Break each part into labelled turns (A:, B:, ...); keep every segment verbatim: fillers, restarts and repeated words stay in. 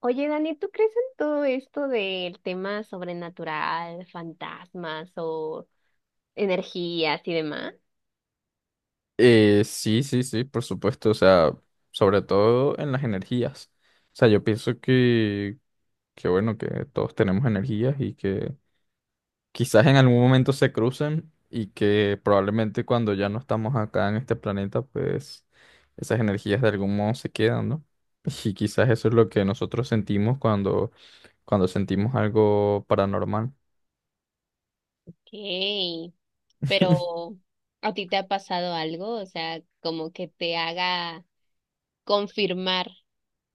A: Oye, Dani, ¿tú crees en todo esto del tema sobrenatural, fantasmas o energías y demás?
B: Eh, sí, sí, sí, por supuesto, o sea, sobre todo en las energías. O sea, yo pienso que, que bueno, que todos tenemos energías y que quizás en algún momento se crucen y que probablemente cuando ya no estamos acá en este planeta, pues esas energías de algún modo se quedan, ¿no? Y quizás eso es lo que nosotros sentimos cuando, cuando sentimos algo paranormal.
A: Okay, pero ¿a ti te ha pasado algo? O sea, como que te haga confirmar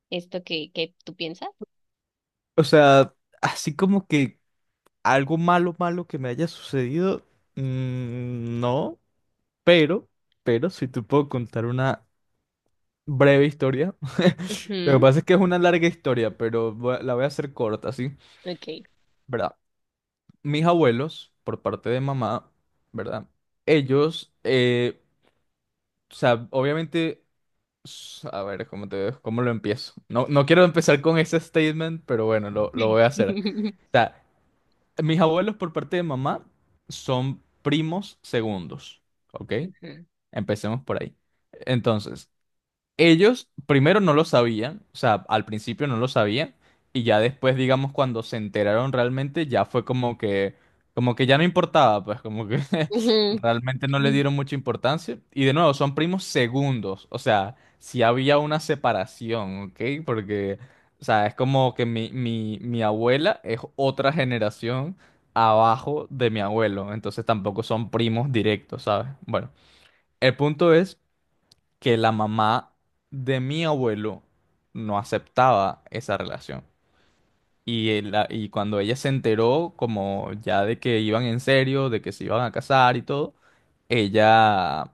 A: esto que, que tú piensas.
B: O sea, así como que algo malo, malo que me haya sucedido, mm, no. Pero, pero si te puedo contar una breve historia. Lo que
A: Ujú,
B: pasa es que es una larga historia, pero voy a- la voy a hacer corta, ¿sí?
A: ok.
B: ¿Verdad? Mis abuelos, por parte de mamá, ¿verdad? Ellos, eh, o sea, obviamente, s- a ver, ¿cómo te, cómo lo empiezo? No, no quiero empezar con ese statement, pero bueno, lo, lo voy a hacer. O sea, mis abuelos por parte de mamá son primos segundos, ¿ok?
A: Ujú.
B: Empecemos por ahí. Entonces, ellos primero no lo sabían, o sea, al principio no lo sabían y ya después, digamos, cuando se enteraron realmente, ya fue como que, como que ya no importaba, pues como que
A: Ujú,
B: realmente no le
A: Ujú.
B: dieron mucha importancia. Y de nuevo, son primos segundos, o sea, si había una separación, ¿ok? Porque, o sea, es como que mi, mi, mi abuela es otra generación abajo de mi abuelo, entonces tampoco son primos directos, ¿sabes? Bueno, el punto es que la mamá de mi abuelo no aceptaba esa relación. Y, él la- y cuando ella se enteró, como ya de que iban en serio, de que se iban a casar y todo, ella,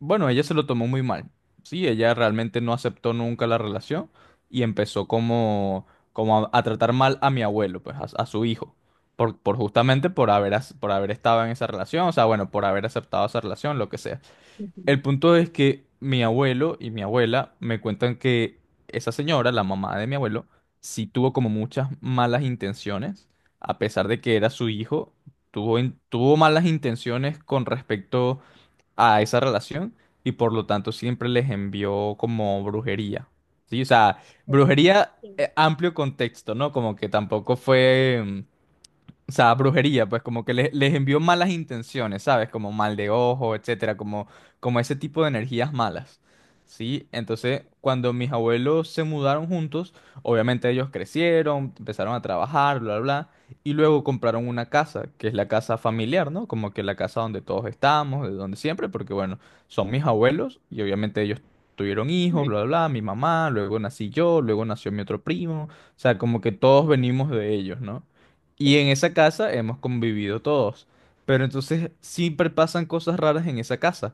B: bueno, ella se lo tomó muy mal. Sí, ella realmente no aceptó nunca la relación y empezó como, como a, a tratar mal a mi abuelo, pues a, a su hijo, por, por justamente por haber, as- por haber estado en esa relación, o sea, bueno, por haber aceptado esa relación, lo que sea.
A: Ujú,
B: El punto es que mi abuelo y mi abuela me cuentan que esa señora, la mamá de mi abuelo, sí tuvo como muchas malas intenciones, a pesar de que era su hijo, tuvo, in- tuvo malas intenciones con respecto a esa relación y por lo tanto siempre les envió como brujería. Sí, o sea, brujería,
A: sí,
B: eh, amplio contexto, ¿no? Como que tampoco fue... mm, o sea, brujería, pues como que les, les envió malas intenciones, ¿sabes? Como mal de ojo, etcétera, como, como ese tipo de energías malas. ¿Sí? Entonces, cuando mis abuelos se mudaron juntos, obviamente ellos crecieron, empezaron a trabajar, bla, bla, bla, y luego compraron una casa, que es la casa familiar, ¿no? Como que la casa donde todos estamos, de donde siempre, porque bueno, son mis abuelos y obviamente ellos tuvieron hijos,
A: ujú,
B: bla, bla, bla, mi mamá, luego nací yo, luego nació mi otro primo, o sea, como que todos venimos de ellos, ¿no? Y
A: sí,
B: en esa casa hemos convivido todos. Pero entonces siempre pasan cosas raras en esa casa.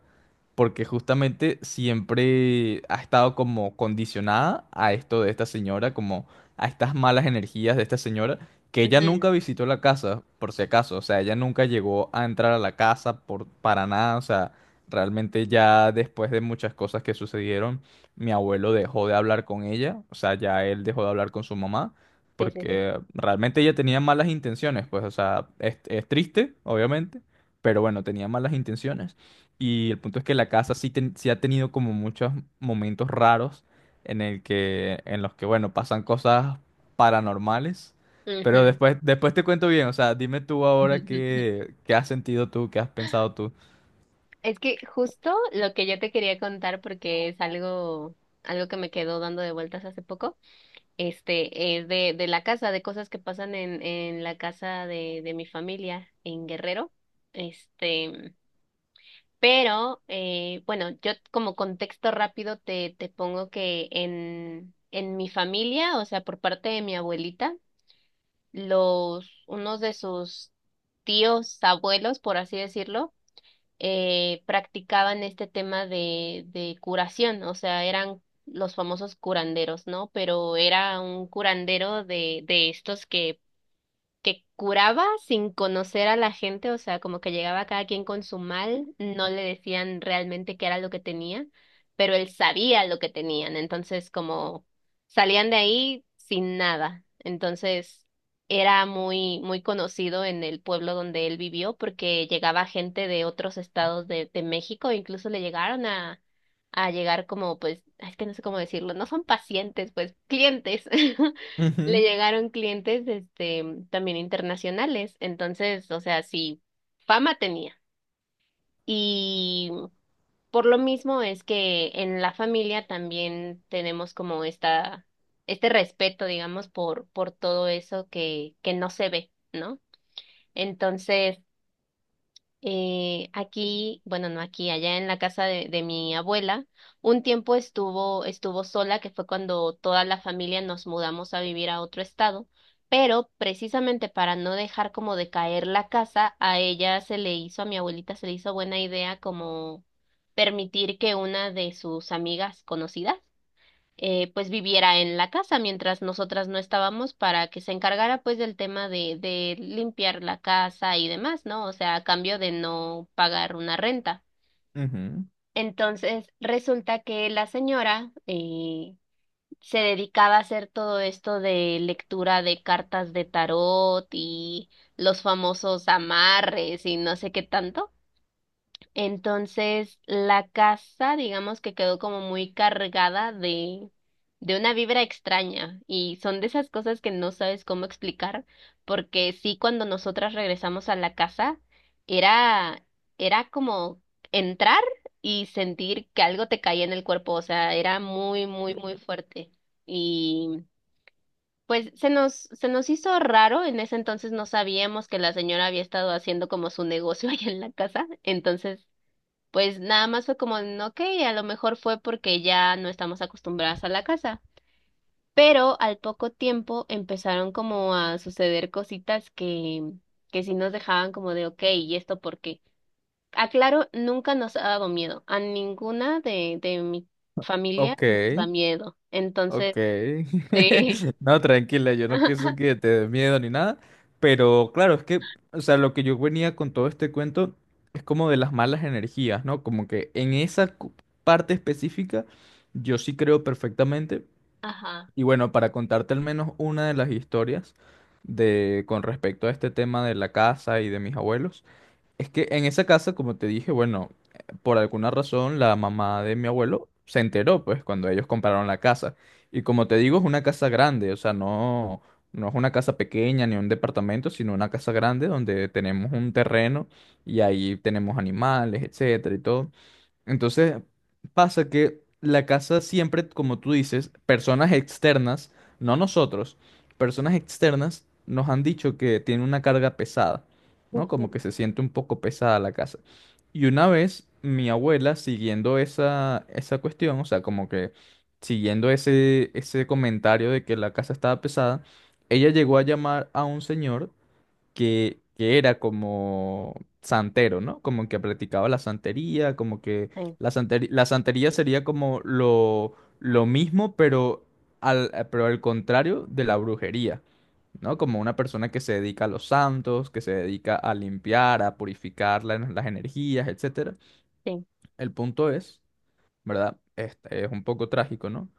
B: Porque justamente siempre ha estado como condicionada a esto de esta señora, como a estas malas energías de esta señora, que ella nunca visitó la casa, por si acaso. O sea, ella nunca llegó a entrar a la casa por, para nada. O sea, realmente ya después de muchas cosas que sucedieron, mi abuelo dejó de hablar con ella. O sea, ya él dejó de hablar con su mamá
A: sí, sí, sí.
B: porque realmente ella tenía malas intenciones, pues, o sea, es, es triste, obviamente, pero bueno, tenía malas intenciones. Y el punto es que la casa sí, ten- sí ha tenido como muchos momentos raros en el que, en los que, bueno, pasan cosas paranormales. Pero después, después te cuento bien, o sea, dime tú ahora
A: Ujú.
B: qué, qué has sentido tú, qué has pensado tú.
A: Es que justo lo que yo te quería contar, porque es algo, algo que me quedó dando de vueltas hace poco, este, es de, de la casa, de cosas que pasan en, en la casa de, de mi familia en Guerrero. Este, pero eh, bueno, yo como contexto rápido te, te pongo que en, en mi familia, o sea, por parte de mi abuelita, los, unos de sus tíos, abuelos, por así decirlo, eh, practicaban este tema de, de curación, o sea, eran los famosos curanderos, ¿no? Pero era un curandero de, de estos que que curaba sin conocer a la gente, o sea, como que llegaba cada quien con su mal, no le decían realmente qué era lo que tenía, pero él sabía lo que tenían, entonces como salían de ahí sin nada. Entonces era muy muy conocido en el pueblo donde él vivió porque llegaba gente de otros estados de, de México, incluso le llegaron a a llegar como pues, es que no sé cómo decirlo, no son pacientes, pues clientes. Le
B: Ujú,
A: llegaron clientes este también internacionales, entonces, o sea, sí, fama tenía. Y por lo mismo es que en la familia también tenemos como esta este respeto, digamos, por por todo eso que que no se ve, ¿no? Entonces, eh, aquí, bueno, no aquí, allá en la casa de, de mi abuela, un tiempo estuvo, estuvo sola, que fue cuando toda la familia nos mudamos a vivir a otro estado, pero precisamente para no dejar como de caer la casa, a ella se le hizo, a mi abuelita se le hizo buena idea como permitir que una de sus amigas conocidas eh, pues viviera en la casa mientras nosotras no estábamos para que se encargara pues del tema de, de limpiar la casa y demás, ¿no? O sea, a cambio de no pagar una renta.
B: ujú.
A: Entonces, resulta que la señora eh, se dedicaba a hacer todo esto de lectura de cartas de tarot y los famosos amarres y no sé qué tanto. Entonces, la casa, digamos que quedó como muy cargada de, de una vibra extraña y son de esas cosas que no sabes cómo explicar, porque sí, cuando nosotras regresamos a la casa, era, era como entrar y sentir que algo te caía en el cuerpo, o sea, era muy, muy, muy fuerte. Y pues se nos, se nos hizo raro, en ese entonces no sabíamos que la señora había estado haciendo como su negocio ahí en la casa, entonces pues nada más fue como, "Mm, ok, a lo mejor fue porque ya no estamos acostumbradas a la casa. Pero al poco tiempo empezaron como a suceder cositas que, que sí nos dejaban como de, ok, ¿y esto por qué? Aclaro, nunca nos ha dado miedo. A ninguna de, de mi familia
B: Ok.
A: nos da miedo. Entonces,
B: Ok.
A: sí.
B: No, tranquila, yo no pienso que te dé miedo ni nada, pero claro, es que, o sea, lo que yo venía con todo este cuento es como de las malas energías, ¿no? Como que en esa cu- parte específica yo sí creo perfectamente.
A: Ajá.
B: Y bueno, para contarte al menos una de las historias de con respecto a este tema de la casa y de mis abuelos, es que en esa casa, como te dije, bueno, eh, por alguna razón la mamá de mi abuelo se enteró, pues, cuando ellos compraron la casa. Y como te digo, es una casa grande, o sea, no, no es una casa pequeña ni un departamento, sino una casa grande donde tenemos un terreno y ahí tenemos animales, etcétera y todo. Entonces, pasa que la casa siempre, como tú dices, personas externas, no nosotros, personas externas nos han dicho que tiene una carga pesada, ¿no? Como que
A: Sí.
B: se siente un poco pesada la casa. Y una vez mi abuela, siguiendo esa, esa cuestión, o sea, como que siguiendo ese, ese comentario de que la casa estaba pesada, ella llegó a llamar a un señor que, que era como santero, ¿no? Como que practicaba la santería, como que
A: Sí.
B: la santería, la santería sería como lo, lo mismo, pero al, eh, pero al contrario de la brujería, ¿no? Como una persona que se dedica a los santos, que se dedica a limpiar, a purificar la- las energías, etcétera. El punto es, ¿verdad? Este es un poco trágico, ¿no?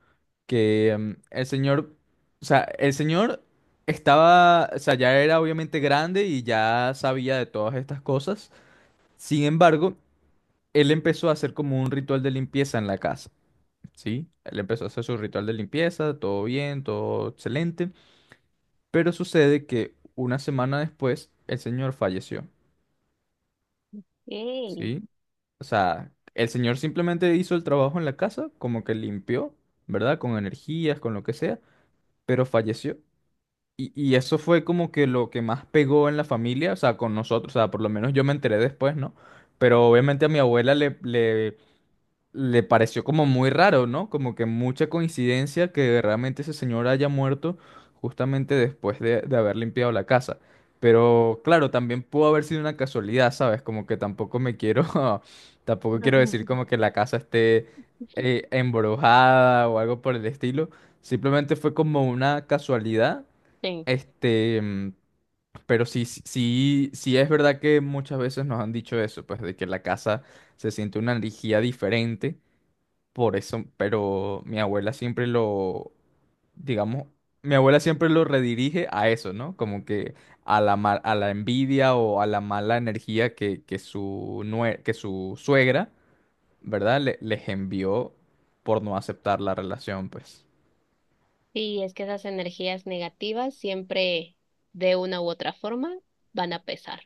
B: Que mm, el señor, o sea, el señor estaba, o sea, ya era obviamente grande y ya sabía de todas estas cosas. Sin embargo, él empezó a hacer como un ritual de limpieza en la casa, ¿sí? Él empezó a hacer su ritual de limpieza, todo bien, todo excelente, pero sucede que una semana después el señor falleció,
A: Sí. Sí.
B: ¿sí? O sea, el señor simplemente hizo el trabajo en la casa, como que limpió, ¿verdad? Con energías, con lo que sea, pero falleció. Y, y eso fue como que lo que más pegó en la familia, o sea, con nosotros, o sea, por lo menos yo me enteré después, ¿no? Pero obviamente a mi abuela le, le, le pareció como muy raro, ¿no? Como que mucha coincidencia que realmente ese señor haya muerto justamente después de, de haber limpiado la casa. Pero claro, también pudo haber sido una casualidad, ¿sabes? Como que tampoco me quiero, tampoco quiero decir como que la casa esté eh, embrujada o algo por el estilo. Simplemente fue como una casualidad este, mm, pero sí, sí, sí sí es verdad que muchas veces nos han dicho eso, pues de que la casa se siente una energía diferente, por eso, pero mi abuela siempre lo, digamos, mi abuela siempre lo redirige a eso, ¿no? Como que a la, ma- a la envidia o a la mala energía que, que su, nue- que su suegra, ¿verdad? Le- les envió por no aceptar la relación, pues.
A: Sí, es que esas energías negativas siempre de una u otra forma van a pesar.